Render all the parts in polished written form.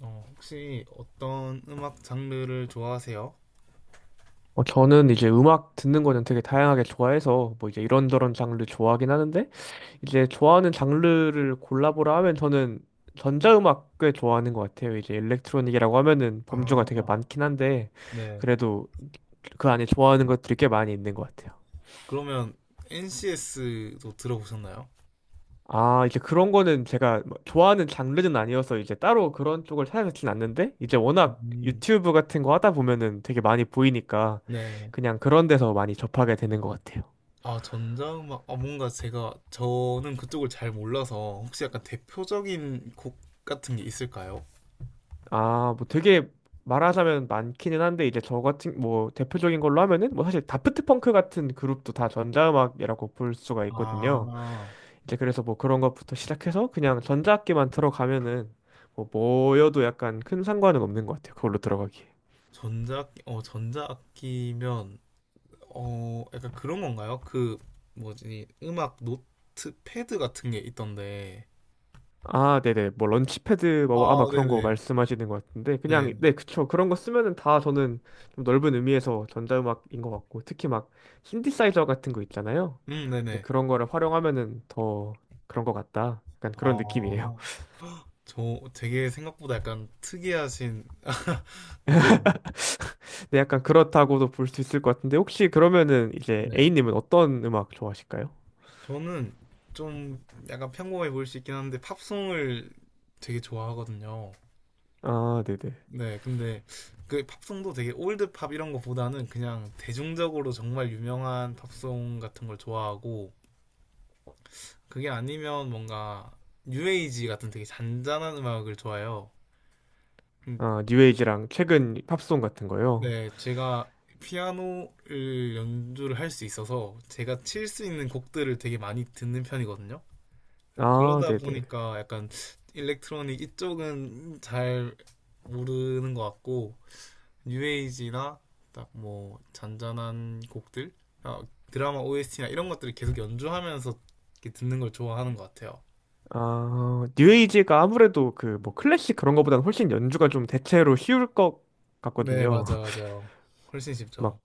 어, 혹시 어떤 음악 장르를 좋아하세요? 저는 이제 음악 듣는 거는 되게 다양하게 좋아해서 뭐 이제 이런저런 장르 좋아하긴 하는데 이제 좋아하는 장르를 골라보라 하면 저는 전자음악 꽤 좋아하는 것 같아요. 이제 일렉트로닉이라고 하면은 범주가 아, 되게 많긴 한데 네. 그래도 그 안에 좋아하는 것들이 꽤 많이 있는 것 같아요. 그러면 NCS도 들어보셨나요? 아, 이제 그런 거는 제가 뭐 좋아하는 장르는 아니어서 이제 따로 그런 쪽을 찾아듣진 않는데 이제 워낙 음, 유튜브 같은 거 하다 보면은 되게 많이 보이니까 네. 그냥 그런 데서 많이 접하게 되는 것 같아요. 아, 전자음악. 아, 뭔가 저는 그쪽을 잘 몰라서 혹시 약간 대표적인 곡 같은 게 있을까요? 아, 뭐 되게 말하자면 많기는 한데 이제 저 같은 뭐 대표적인 걸로 하면은 뭐 사실 다프트 펑크 같은 그룹도 다 전자음악이라고 볼 수가 있거든요. 아, 이제 그래서 뭐 그런 것부터 시작해서 그냥 전자악기만 들어가면은 뭐여도 약간 큰 상관은 없는 것 같아요. 그걸로 들어가기. 전자, 어, 전자악기면, 어, 약간 그런 건가요? 그, 뭐지, 음악 노트패드 같은 게 있던데. 아, 네네. 뭐 런치패드 뭐 아, 아마 그런 거 네네, 말씀하시는 것 같은데 그냥 네. 네, 그쵸. 그런 거 쓰면은 다 저는 좀 넓은 의미에서 전자음악인 것 같고 특히 막 신디사이저 같은 거 있잖아요. 이제 네네. 그런 거를 활용하면은 더 그런 것 같다. 약간 그런 느낌이에요. 아, 저 되게 생각보다 약간 특이하신 느낌이네요. 네, 약간 그렇다고도 볼 수 있을 것 같은데 혹시 그러면은 이제 네. A님은 어떤 음악 좋아하실까요? 저는 좀 약간 평범해 보일 수 있긴 한데 팝송을 되게 좋아하거든요. 아, 네네. 네, 근데 그 팝송도 되게 올드 팝 이런 거보다는 그냥 대중적으로 정말 유명한 팝송 같은 걸 좋아하고 그게 아니면 뭔가 뉴에이지 같은 되게 잔잔한 음악을 좋아해요. 음, 아, 뉴에이지랑 최근 팝송 같은 거요. 네, 제가 피아노를 연주를 할 수 있어서 제가 칠 수 있는 곡들을 되게 많이 듣는 편이거든요. 아, 그러다 네네. 보니까 약간 일렉트로닉 이쪽은 잘 모르는 것 같고 뉴에이지나 딱 뭐 잔잔한 곡들, 아, 드라마 OST나 이런 것들을 계속 연주하면서 이렇게 듣는 걸 좋아하는 것 같아요. 아, 뉴에이지가 아무래도 그 뭐 클래식 그런 거보다는 훨씬 연주가 좀 대체로 쉬울 것 네, 같거든요. 맞아, 맞아요. 훨씬 쉽죠. 막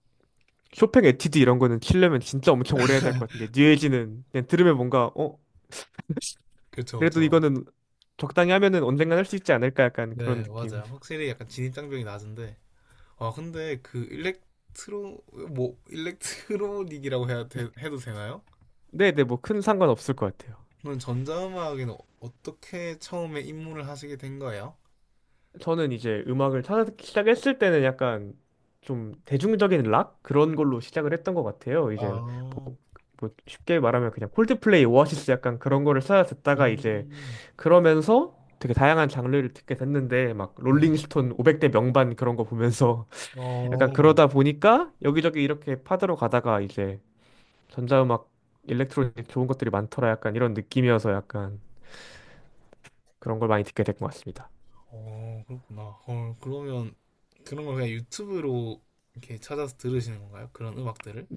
쇼팽 에티드 이런 거는 치려면 진짜 엄청 오래 해야 될 것 같은데 뉴에이지는 그냥 들으면 뭔가, 그쵸, 그래도 그쵸. 이거는 적당히 하면은 언젠간 할 수 있지 않을까 약간 그런 네, 느낌. 맞아요. 확실히 약간 진입장벽이 낮은데 아 근데 그 일렉트로 뭐 해도 되나요? 네, 네, 뭐 큰 상관 없을 것 같아요. 그럼 전자음악에는 어떻게 처음에 입문을 하시게 된 거예요? 저는 이제 음악을 찾아듣기 시작했을 때는 약간 좀 대중적인 락 그런 걸로 시작을 했던 것 같아요. 이제 아, 뭐, 뭐 쉽게 말하면 그냥 콜드플레이, 오아시스 약간 그런 거를 찾아 듣다가 이제 음, 그러면서 되게 다양한 장르를 듣게 됐는데 막 네. 롤링스톤 500대 명반 그런 거 보면서 약간 어, 그러다 보니까 여기저기 이렇게 파들어 가다가 이제 전자음악, 일렉트로닉 좋은 것들이 많더라 약간 이런 느낌이어서 약간 그런 걸 많이 듣게 된 것 같습니다. 어, 그렇구나. 헐, 그러면 그런 걸 그냥 유튜브로 이렇게 찾아서 들으시는 건가요? 그런 음악들을?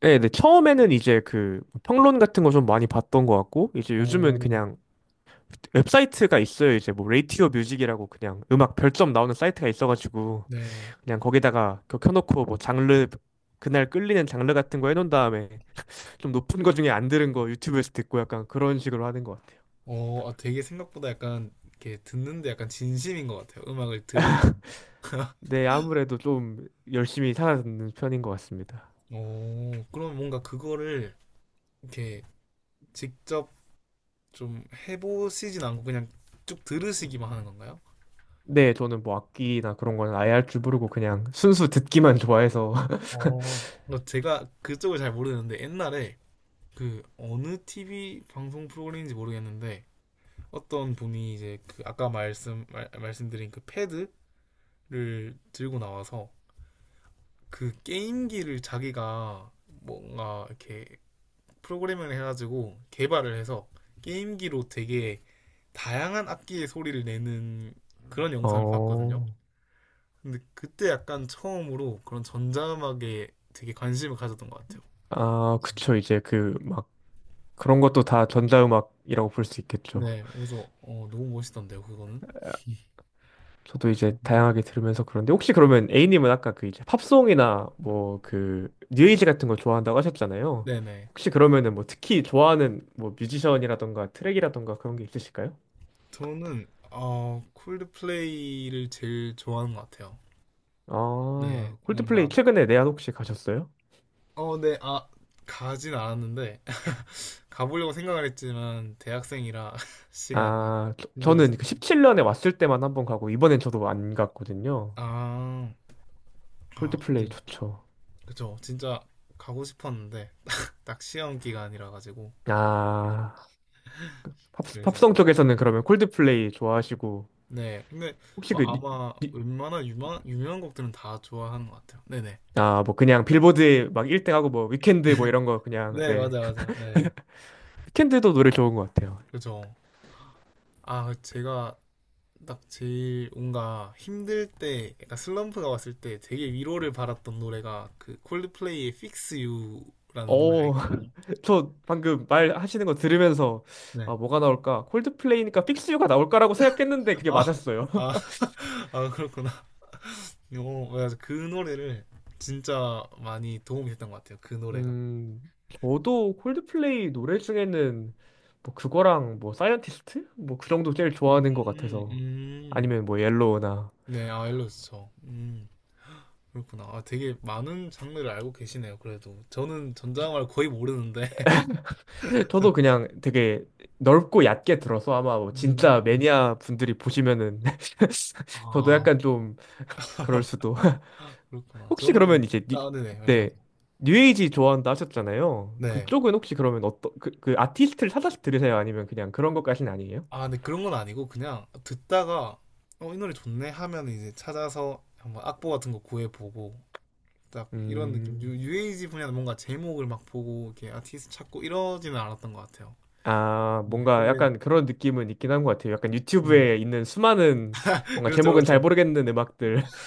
네, 네. 처음에는 이제 그 평론 같은 거 좀 많이 봤던 것 같고, 이제 요즘은 오, 그냥 웹사이트가 있어요. 이제 뭐 레이티오 뮤직이라고 그냥 음악 별점 나오는 사이트가 있어가지고, 네. 그냥 거기다가 그거 켜놓고 뭐 장르, 그날 끌리는 장르 같은 거 해놓은 다음에 좀 높은 거 중에 안 들은 거 유튜브에서 듣고 약간 그런 식으로 하는 것 같아요. 어, 아, 되게 생각보다 약간 이렇게 듣는데 약간 진심인 것 같아요. 음악을 들으시는. 네, 아무래도 좀 열심히 살아듣는 편인 것 같습니다. 오, 그럼 뭔가 그거를 이렇게 직접 좀 해보시진 않고 그냥 쭉 들으시기만 하는 건가요? 네, 저는 뭐 악기나 그런 거는 아예 할 줄 모르고 그냥 순수 듣기만 좋아해서. 어, 뭐 제가 그쪽을 잘 모르는데 옛날에 그 어느 TV 방송 프로그램인지 모르겠는데 어떤 분이 이제 그 아까 말씀드린 그 패드를 들고 나와서 그 게임기를 자기가 뭔가 이렇게 프로그래밍을 해가지고 개발을 해서 게임기로 되게 다양한 악기의 소리를 내는 그런 영상을 봤거든요. 어, 근데 그때 약간 처음으로 그런 전자음악에 되게 관심을 가졌던 것 같아요. 아, 그쵸. 이제 그막 그런 것도 다 전자음악이라고 볼 수 있겠죠. 네, 그래서 어, 너무 멋있던데요, 그거는. 저도 이제 음. 다양하게 들으면서 그런데 혹시 그러면 A님은 아까 그 이제 팝송이나 뭐 그 뉴에이지 같은 거 좋아한다고 하셨잖아요. 네네. 혹시 그러면은 뭐 특히 좋아하는 뭐 뮤지션이라던가 트랙이라던가 그런 게 있으실까요? 저는 어, 콜드플레이를 제일 좋아하는 것 같아요. 네, 아, 콜드플레이 뭔가 최근에 내한 혹시 가셨어요? 어, 네, 아, 가진 않았는데 가보려고 생각을 했지만 대학생이라 시간이 아, 저, 는그 힘들었어요. 17년에 왔을 때만 한번 가고 이번엔 저도 안 갔거든요. 아, 아, 콜드플레이 근데 좋죠. 그죠, 진짜 가고 싶었는데 딱 시험 기간이라 가지고 아, 그 팝, 팝송 그랬었어요. 쪽에서는 그러면 콜드플레이 좋아하시고 네. 근데 혹시 뭐 그 아마 웬만한 유명한 곡들은 다 좋아하는 것 같아요. 네네. 아, 뭐 그냥 빌보드에 막 1등하고 뭐 위켄드 뭐 이런 거 그냥 네, 네. 맞아, 맞아. 네. 위켄드도 노래 좋은 것 같아요. 그죠. 아, 제가 딱 제일 뭔가 힘들 때, 약간 슬럼프가 왔을 때 되게 위로를 받았던 노래가 그 콜드플레이의 Fix You라는 노래가 어, 있거든요. 저 방금 말 하시는 거 들으면서 아, 네. 뭐가 나올까? 콜드플레이니까 픽스 유가 나올까라고 생각했는데 그게 아, 맞았어요. 아, 아, 그렇구나. 어, 맞아. 그 노래를 진짜 많이 도움이 됐던 것 같아요. 그 노래가. 음, 저도 콜드플레이 노래 중에는 뭐 그거랑 뭐 사이언티스트? 뭐 그 정도 제일 좋아하는 것 음, 같아서 음. 아니면 뭐 옐로우나 네, 아, 일러스트. 음, 그렇구나. 아, 되게 많은 장르를 알고 계시네요. 그래도 저는 전자영화를 거의 모르는데. 저도 그냥 되게 넓고 얕게 들어서 아마 뭐 진짜 음. 매니아 분들이 보시면은 저도 아, 약간 좀 그럴 수도. 그렇구나. 혹시 그러면 저는 이제 뉴, 아, 네네, 네. 말씀하세요. 뉴에이지 좋아한다 하셨잖아요. 네. 그쪽은 혹시 그러면 어떤 그, 그 아티스트를 찾아서 들으세요? 아니면 그냥 그런 것까지는 아니에요? 아, 근데 그런 건 아니고 그냥 듣다가 어, 이 노래 좋네 하면 이제 찾아서 한번 악보 같은 거 구해보고 딱 이런 느낌. 유, 음. 에이지 분야는 뭔가 제목을 막 보고 이렇게 아티스트 찾고 이러지는 않았던 것 같아요. 아, 네, 뭔가 근데 약간 그런 느낌은 있긴 한 것 같아요. 약간 음. 유튜브에 있는 수많은 뭔가 그렇죠, 제목은 잘 그렇죠. 모르겠는 음악들.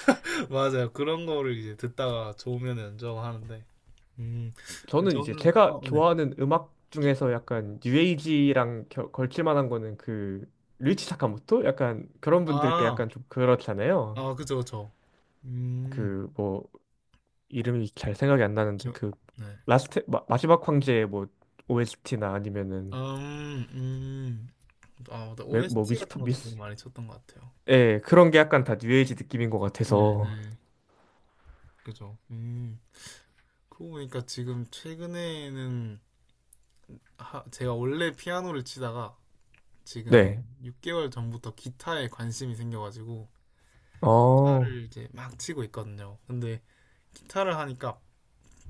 맞아요. 그런 거를 이제 듣다가 좋으면 연주하는데. 음, 저는 이제 저는, 제가 아, 네. 좋아하는 음악 중에서 약간 뉴에이지랑 걸칠 만한 거는 그 류이치 사카모토? 약간 그런 분들께 아, 약간 좀 그렇잖아요. 아, 그쵸, 그쵸. 음, 그뭐 이름이 잘 생각이 안 나는데 저, 그 네. 라스트 지막 황제의 뭐 OST나 아니면은 음, 음. 아, 맞다. 뭐 OST 미스터 같은 것도 되게 미스 많이 쳤던 것 같아요. 예 그런 게 약간 다 뉴에이지 느낌인 것 네, 같아서 네. 그죠. 음. 그러고 보니까 지금 최근에는 하, 제가 원래 피아노를 치다가 지금 한 네 6개월 전부터 기타에 관심이 생겨가지고 어 기타를 이제 막 치고 있거든요. 근데 기타를 하니까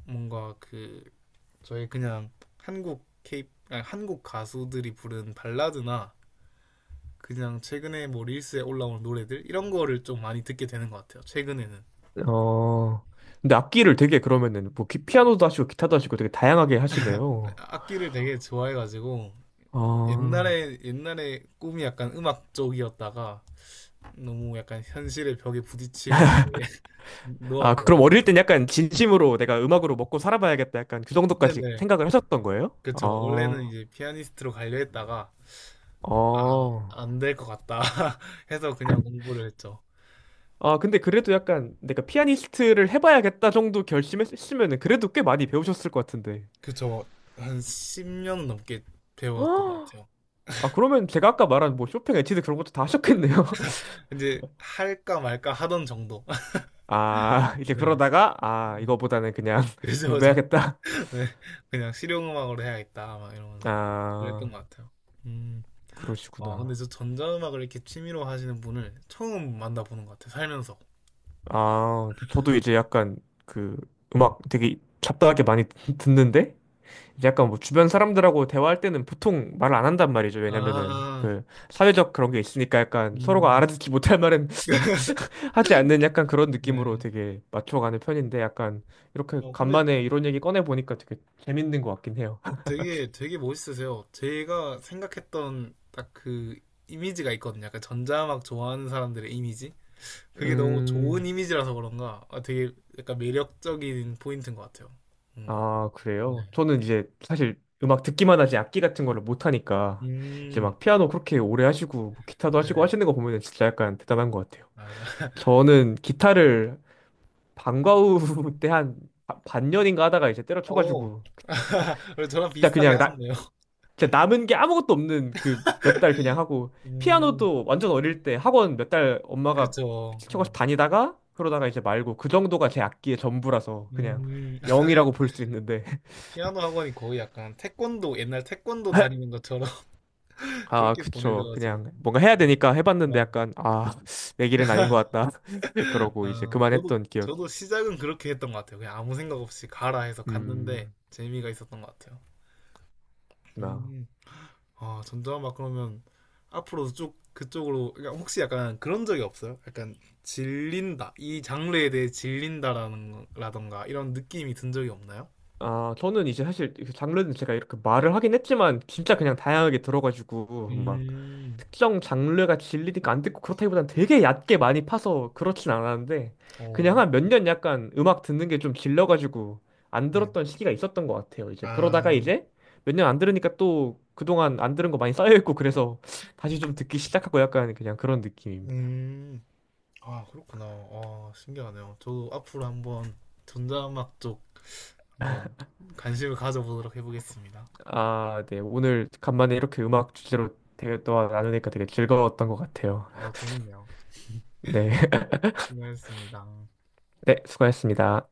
뭔가 그 저희 그냥 한국 케이 아니, 한국 가수들이 부른 발라드나 그냥 최근에 뭐 릴스에 올라온 노래들 이런 거를 좀 많이 듣게 되는 것 같아요. 최근에는 어 근데 악기를 되게 그러면은 피아노도 하시고 기타도 하시고 되게 다양하게 하시네요. 악기를 되게 좋아해가지고 아, 옛날에 꿈이 약간 음악 쪽이었다가 너무 약간 현실의 벽에 부딪히고 이제 아, 그럼 놓았거든요. 어릴 땐 약간 진심으로 내가 음악으로 먹고 살아봐야겠다 약간 그 정도까지 네네 생각을 하셨던 거예요? 그쵸. 원래는 이제 피아니스트로 가려 했다가 아, 어. 안될 것 같다 해서 그냥 공부를 했죠. 아, 근데 그래도 약간 내가 피아니스트를 해봐야겠다 정도 결심했으면은 그래도 꽤 많이 배우셨을 것 같은데. 그저 한 10년 넘게 배웠던 것 아, 같아요. 아, 그러면 제가 아까 말한 뭐 쇼팽, 에티드 그런 것도 다 하셨겠네요. 이제 할까 말까 하던 정도. 아, 이제 네. 그러다가, 아, 네. 이거보다는 그냥 그래서 저 공부해야겠다. 네. 그냥 실용음악으로 해야겠다 막 이러면서 그랬던 아, 것 같아요. 음. 와, 그러시구나. 근데 저 전자음악을 이렇게 취미로 하시는 분을 처음 만나보는 것 같아요. 살면서. 아, 저도 이제 약간 그 음악 되게 잡다하게 많이 듣는데? 약간 뭐 주변 사람들하고 대화할 때는 보통 말을 안 한단 말이죠. 왜냐면은 아, 그 사회적 그런 게 있으니까 약간 서로가 음, 알아듣지 못할 말은 하지 않는 약간 그런 느낌으로 네. 되게 맞춰가는 편인데 약간 이렇게 어, 근데 간만에 이런 얘기 꺼내 보니까 되게 재밌는 것 같긴 해요. 되게 되게 멋있으세요. 제가 생각했던 딱 그 이미지가 있거든요. 약간 전자음악 좋아하는 사람들의 이미지. 그게 너무 좋은 음, 이미지라서 그런가 아, 되게 약간 매력적인 포인트인 것 같아요. 뭔가. 아, 네. 그래요? 저는 이제 사실 음악 듣기만 하지 악기 같은 거를 못 하니까 이제 음. 막 피아노 그렇게 오래 하시고 뭐 기타도 하시고 하시는 거 보면 진짜 약간 대단한 것 같아요. 아, 맞아. 저는 기타를 방과후 때 한 반년인가 하다가 이제 오. 때려쳐가지고 그리고 저랑 진짜 비슷하게 그냥 나 하셨네요. 진짜 남은 게 아무것도 없는 그 몇 달 그냥 하고 음. 피아노도 완전 어릴 때 학원 몇 달 엄마가 그쵸. 어. 시켜가지고 다니다가 그러다가 이제 말고 그 정도가 제 악기의 전부라서 그냥 음. 영이라고 사실 볼 수 있는데 피아노 학원이 거의 약간 태권도 옛날 태권도 다니는 것처럼 아 그렇게 그쵸 보내져가지고. 그냥 뭔가 해야 되니까 해봤는데 맞 약간 아 내 길은 아닌 것 같다 그러고 이제 아, 그만했던 기억이. 저도 시작은 그렇게 했던 것 같아요. 그냥 아무 생각 없이 가라 해서 갔는데 음 재미가 있었던 것 같아요. 나. 음. 아 전자음악 그러면 앞으로도 쭉 그쪽으로 그러니까 혹시 약간 그런 적이 없어요? 약간 질린다 이 장르에 대해 질린다라는 라던가 이런 느낌이 든 적이 없나요? 아, 저는 이제 사실 그 장르는 제가 이렇게 말을 하긴 했지만 진짜 그냥 다양하게 들어가지고 막 음, 특정 장르가 질리니까 안 듣고 그렇다기보단 되게 얕게 많이 파서 그렇진 않았는데 그냥 어, 한 몇 년 약간 음악 듣는 게 좀 질려가지고 안 네. 들었던 시기가 있었던 것 같아요. 이제 그러다가 아, 이제 몇 년 안 들으니까 또 그동안 안 들은 거 많이 쌓여있고 그래서 다시 좀 듣기 시작하고 약간 그냥 그런 느낌입니다. 음, 아, 그렇구나. 아, 신기하네요. 저도 앞으로 한번 전자음악 쪽 한번 관심을 가져보도록 해보겠습니다. 아, 네. 오늘 간만에 이렇게 음악 주제로 대화 나누니까 되게 즐거웠던 것 같아요. 어, 재밌네요. 네. 수고했습니다. 네, 수고하셨습니다.